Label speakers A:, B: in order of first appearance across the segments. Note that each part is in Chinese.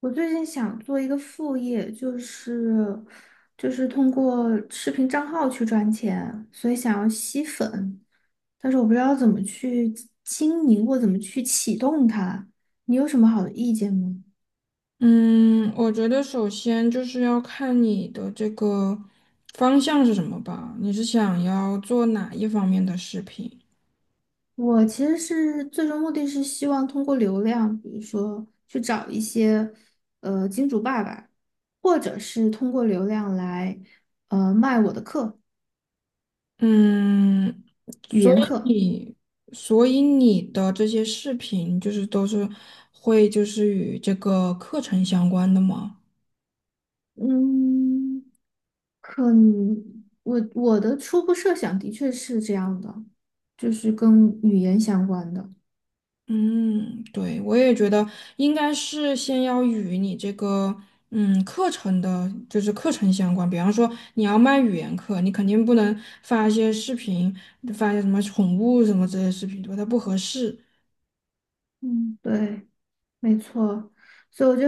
A: 我最近想做一个副业，就是通过视频账号去赚钱，所以想要吸粉，但是我不知道怎么去经营或怎么去启动它。你有什么好的意见吗？
B: 嗯，我觉得首先就是要看你的这个方向是什么吧，你是想要做哪一方面的视频？
A: 我其实是最终目的是希望通过流量，比如说去找一些金主爸爸，或者是通过流量来卖我的课，
B: 嗯，
A: 语
B: 所
A: 言
B: 以
A: 课。
B: 你，所以你的这些视频就是都是会就是与这个课程相关的吗？
A: 嗯。可能我的初步设想的确是这样的，就是跟语言相关的。
B: 嗯，对，我也觉得应该是先要与你这个课程的，就是课程相关。比方说你要卖语言课，你肯定不能发一些视频，发一些什么宠物什么这些视频，对吧？它不合适。
A: 嗯，对，没错。所以我就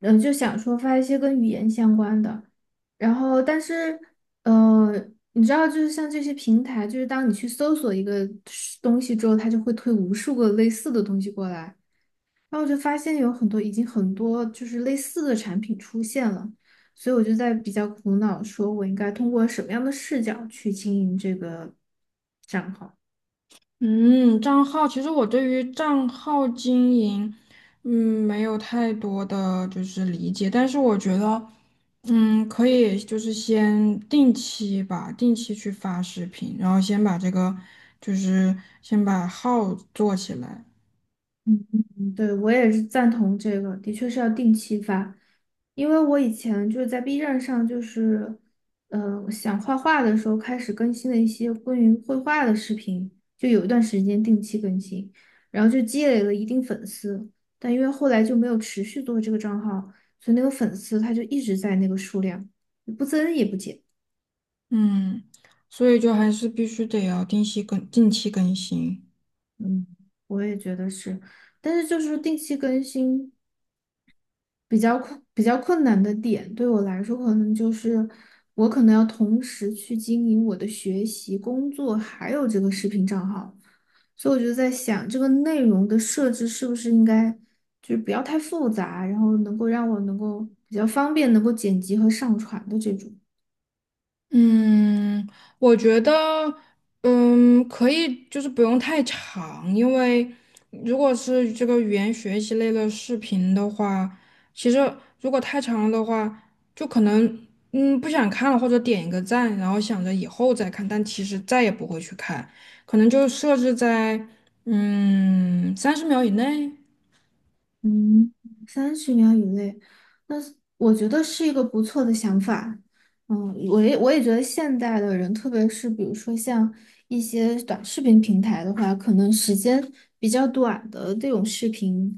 A: 就想说发一些跟语言相关的，然后但是呃，你知道，就是像这些平台，就是当你去搜索一个是东西之后，它就会推无数个类似的东西过来。然后我就发现有很多已经很多就是类似的产品出现了，所以我就在比较苦恼，说我应该通过什么样的视角去经营这个账号。
B: 嗯，账号其实我对于账号经营，嗯，没有太多的就是理解，但是我觉得，可以就是先定期吧，定期去发视频，然后先把这个就是先把号做起来。
A: 嗯，嗯嗯，对，我也是赞同这个，的确是要定期发，因为我以前就是在 B 站上，就是，想画画的时候开始更新了一些关于绘画的视频，就有一段时间定期更新，然后就积累了一定粉丝，但因为后来就没有持续做这个账号，所以那个粉丝他就一直在那个数量，不增也不减。
B: 嗯，所以就还是必须得要定期更新。
A: 嗯，我也觉得是，但是就是定期更新。比较困难的点，对我来说可能就是我可能要同时去经营我的学习、工作，还有这个视频账号，所以我就在想，这个内容的设置是不是应该就是不要太复杂，然后能够让我能够比较方便能够剪辑和上传的这种。
B: 嗯，我觉得，可以，就是不用太长，因为如果是这个语言学习类的视频的话，其实如果太长了的话，就可能不想看了，或者点一个赞，然后想着以后再看，但其实再也不会去看，可能就设置在30秒以内。
A: 嗯，三十秒以内，那是我觉得是一个不错的想法。嗯，我也觉得现代的人，特别是比如说像一些短视频平台的话，可能时间比较短的这种视频，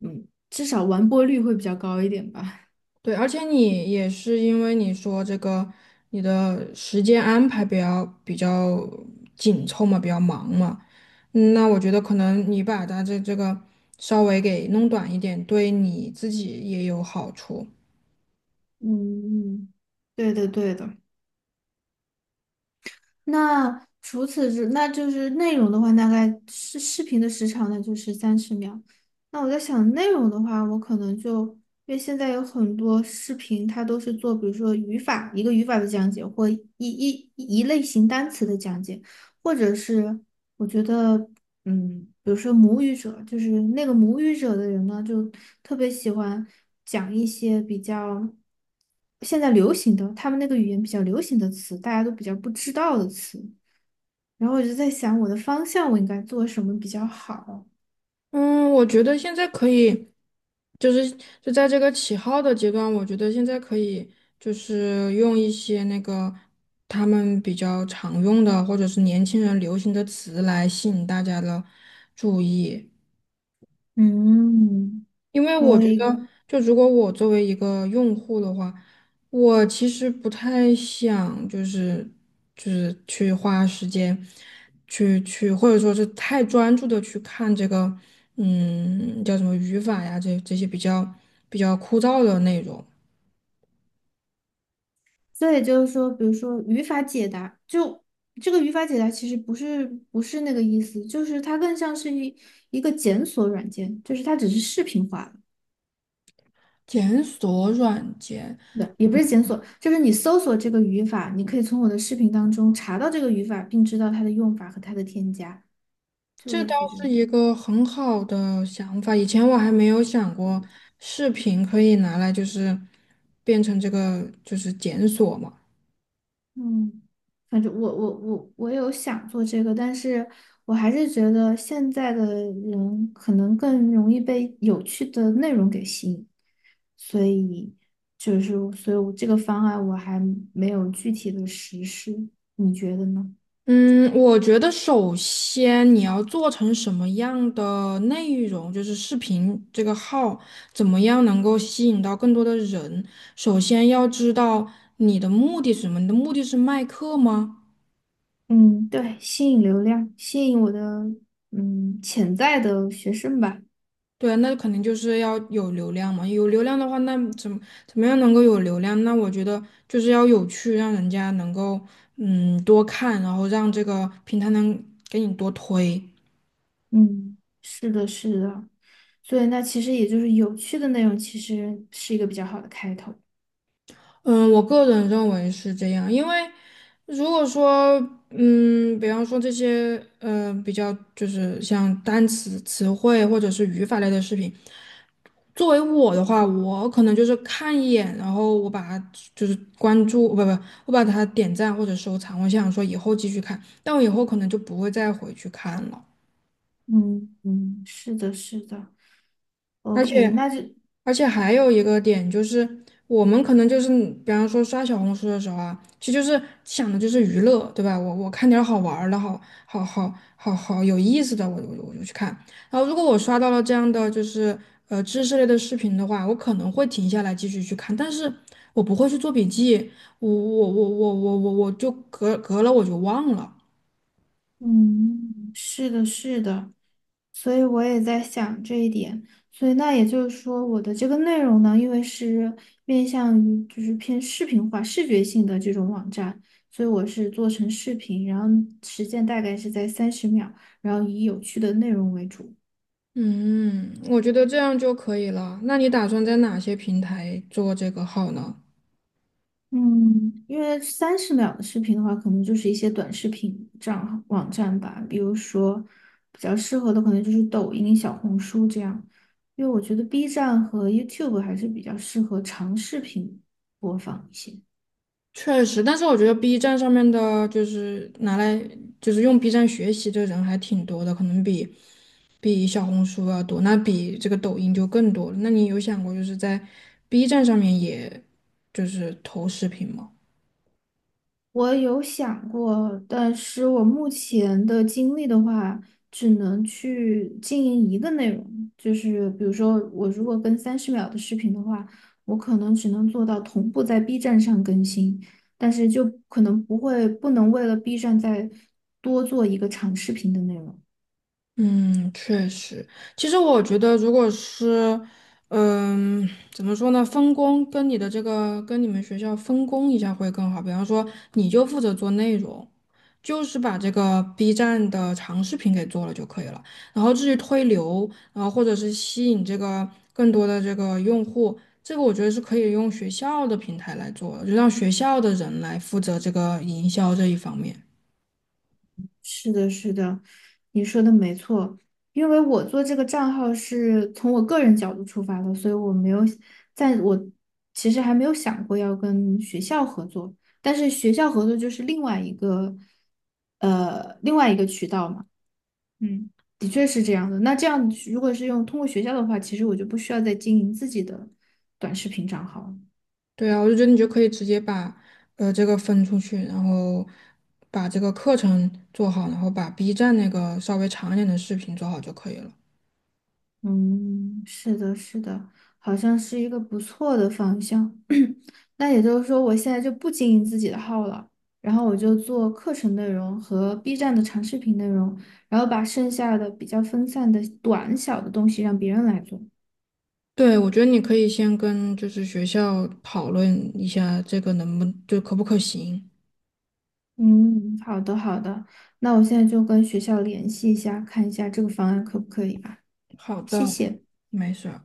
A: 嗯，至少完播率会比较高一点吧。
B: 对，而且你也是因为你说这个，你的时间安排比较紧凑嘛，比较忙嘛。那我觉得可能你把它这个稍微给弄短一点，对你自己也有好处。
A: 嗯，嗯对的对的。那除此之，那就是内容的话，大概视频的时长呢就是三十秒。那我在想内容的话，我可能就因为现在有很多视频，它都是做比如说语法一个语法的讲解，或一类型单词的讲解，或者是我觉得。嗯，比如说母语者，就是那个母语者的人呢，就特别喜欢讲一些比较现在流行的，他们那个语言比较流行的词，大家都比较不知道的词。然后我就在想，我的方向我应该做什么比较好？
B: 嗯，我觉得现在可以，就是就在这个起号的阶段，我觉得现在可以就是用一些那个他们比较常用的，或者是年轻人流行的词来吸引大家的注意。
A: 嗯，
B: 因为我
A: 可
B: 觉
A: 以。
B: 得，就如果我作为一个用户的话，我其实不太想，就是去花时间去，或者说是太专注的去看这个。叫什么语法呀，这些比较枯燥的内容。
A: 这也就是说，比如说语法解答，就这个语法解答其实不是不是那个意思，就是它更像是一个检索软件，就是它只是视频化。
B: 检索软件，
A: 对，也不是检索，就是你搜索这个语法，你可以从我的视频当中查到这个语法，并知道它的用法和它的添加，就
B: 这
A: 类
B: 倒
A: 似于这
B: 是
A: 种。
B: 一个很好的想法。以前我还没有想过，视频可以拿来就是变成这个就是检索嘛。
A: 嗯，反正我有想做这个，但是我还是觉得现在的人可能更容易被有趣的内容给吸引，所以就是所以我这个方案我还没有具体的实施，你觉得呢？
B: 嗯，我觉得首先你要做成什么样的内容，就是视频这个号怎么样能够吸引到更多的人。首先要知道你的目的是什么，你的目的是卖课吗？
A: 嗯，对，吸引流量，吸引我的潜在的学生吧。
B: 对啊，那肯定就是要有流量嘛。有流量的话，那怎么样能够有流量？那我觉得就是要有趣，让人家能够多看，然后让这个平台能给你多推。
A: 嗯，是的，是的。所以那其实也就是有趣的内容，其实是一个比较好的开头。
B: 嗯，我个人认为是这样。因为如果说，比方说这些，比较就是像单词、词汇或者是语法类的视频，作为我的话，我可能就是看一眼，然后我把它就是关注，不不，我把它点赞或者收藏，我想说以后继续看，但我以后可能就不会再回去看了。
A: 嗯嗯，是的，是的。
B: 而
A: OK。
B: 且。而且还有一个点就是，我们可能就是，比方说刷小红书的时候啊，其实就是想的就是娱乐，对吧？我看点儿好玩儿的，好好好好好有意思的，我就去看。然后如果我刷到了这样的就是知识类的视频的话，我可能会停下来继续去看，但是我不会去做笔记，我就隔了我就忘了。
A: 嗯，是的，是的。所以我也在想这一点。所以那也就是说，我的这个内容呢，因为是面向于就是偏视频化、视觉性的这种网站，所以我是做成视频，然后时间大概是在三十秒，然后以有趣的内容为主。
B: 嗯，我觉得这样就可以了。那你打算在哪些平台做这个号呢？
A: 嗯，因为三十秒的视频的话，可能就是一些短视频账网站吧，比如说比较适合的可能就是抖音、小红书这样，因为我觉得 B 站和 YouTube 还是比较适合长视频播放一些。
B: 确实，但是我觉得 B 站上面的，就是拿来就是用 B 站学习的人还挺多的，可能比小红书要多，那比这个抖音就更多了。那你有想过就是在 B 站上面也就是投视频吗？
A: 我有想过，但是我目前的精力的话，只能去经营一个内容，就是比如说，我如果跟三十秒的视频的话，我可能只能做到同步在 B 站上更新，但是就可能不会，不能为了 B 站再多做一个长视频的内容。
B: 嗯，确实，其实我觉得，如果是，怎么说呢，分工跟你的这个跟你们学校分工一下会更好。比方说，你就负责做内容，就是把这个 B 站的长视频给做了就可以了。然后至于推流，然后或者是吸引这个更多的这个用户，这个我觉得是可以用学校的平台来做的，就让学校的人来负责这个营销这一方面。
A: 是的，是的，你说的没错。因为我做这个账号是从我个人角度出发的，所以我没有，在我其实还没有想过要跟学校合作，但是学校合作就是另外一个，另外一个渠道嘛。嗯，的确是这样的。那这样如果是用通过学校的话，其实我就不需要再经营自己的短视频账号了。
B: 对啊，我就觉得你就可以直接把这个分出去，然后把这个课程做好，然后把 B 站那个稍微长一点的视频做好就可以了。
A: 嗯，是的，是的，好像是一个不错的方向。那也就是说，我现在就不经营自己的号了，然后我就做课程内容和 B 站的长视频内容，然后把剩下的比较分散的短小的东西让别人来做。
B: 对，我觉得你可以先跟就是学校讨论一下这个能不就可不可行。
A: 嗯，好的好的，那我现在就跟学校联系一下，看一下这个方案可不可以吧。
B: 好的，
A: 谢谢。
B: 没事儿。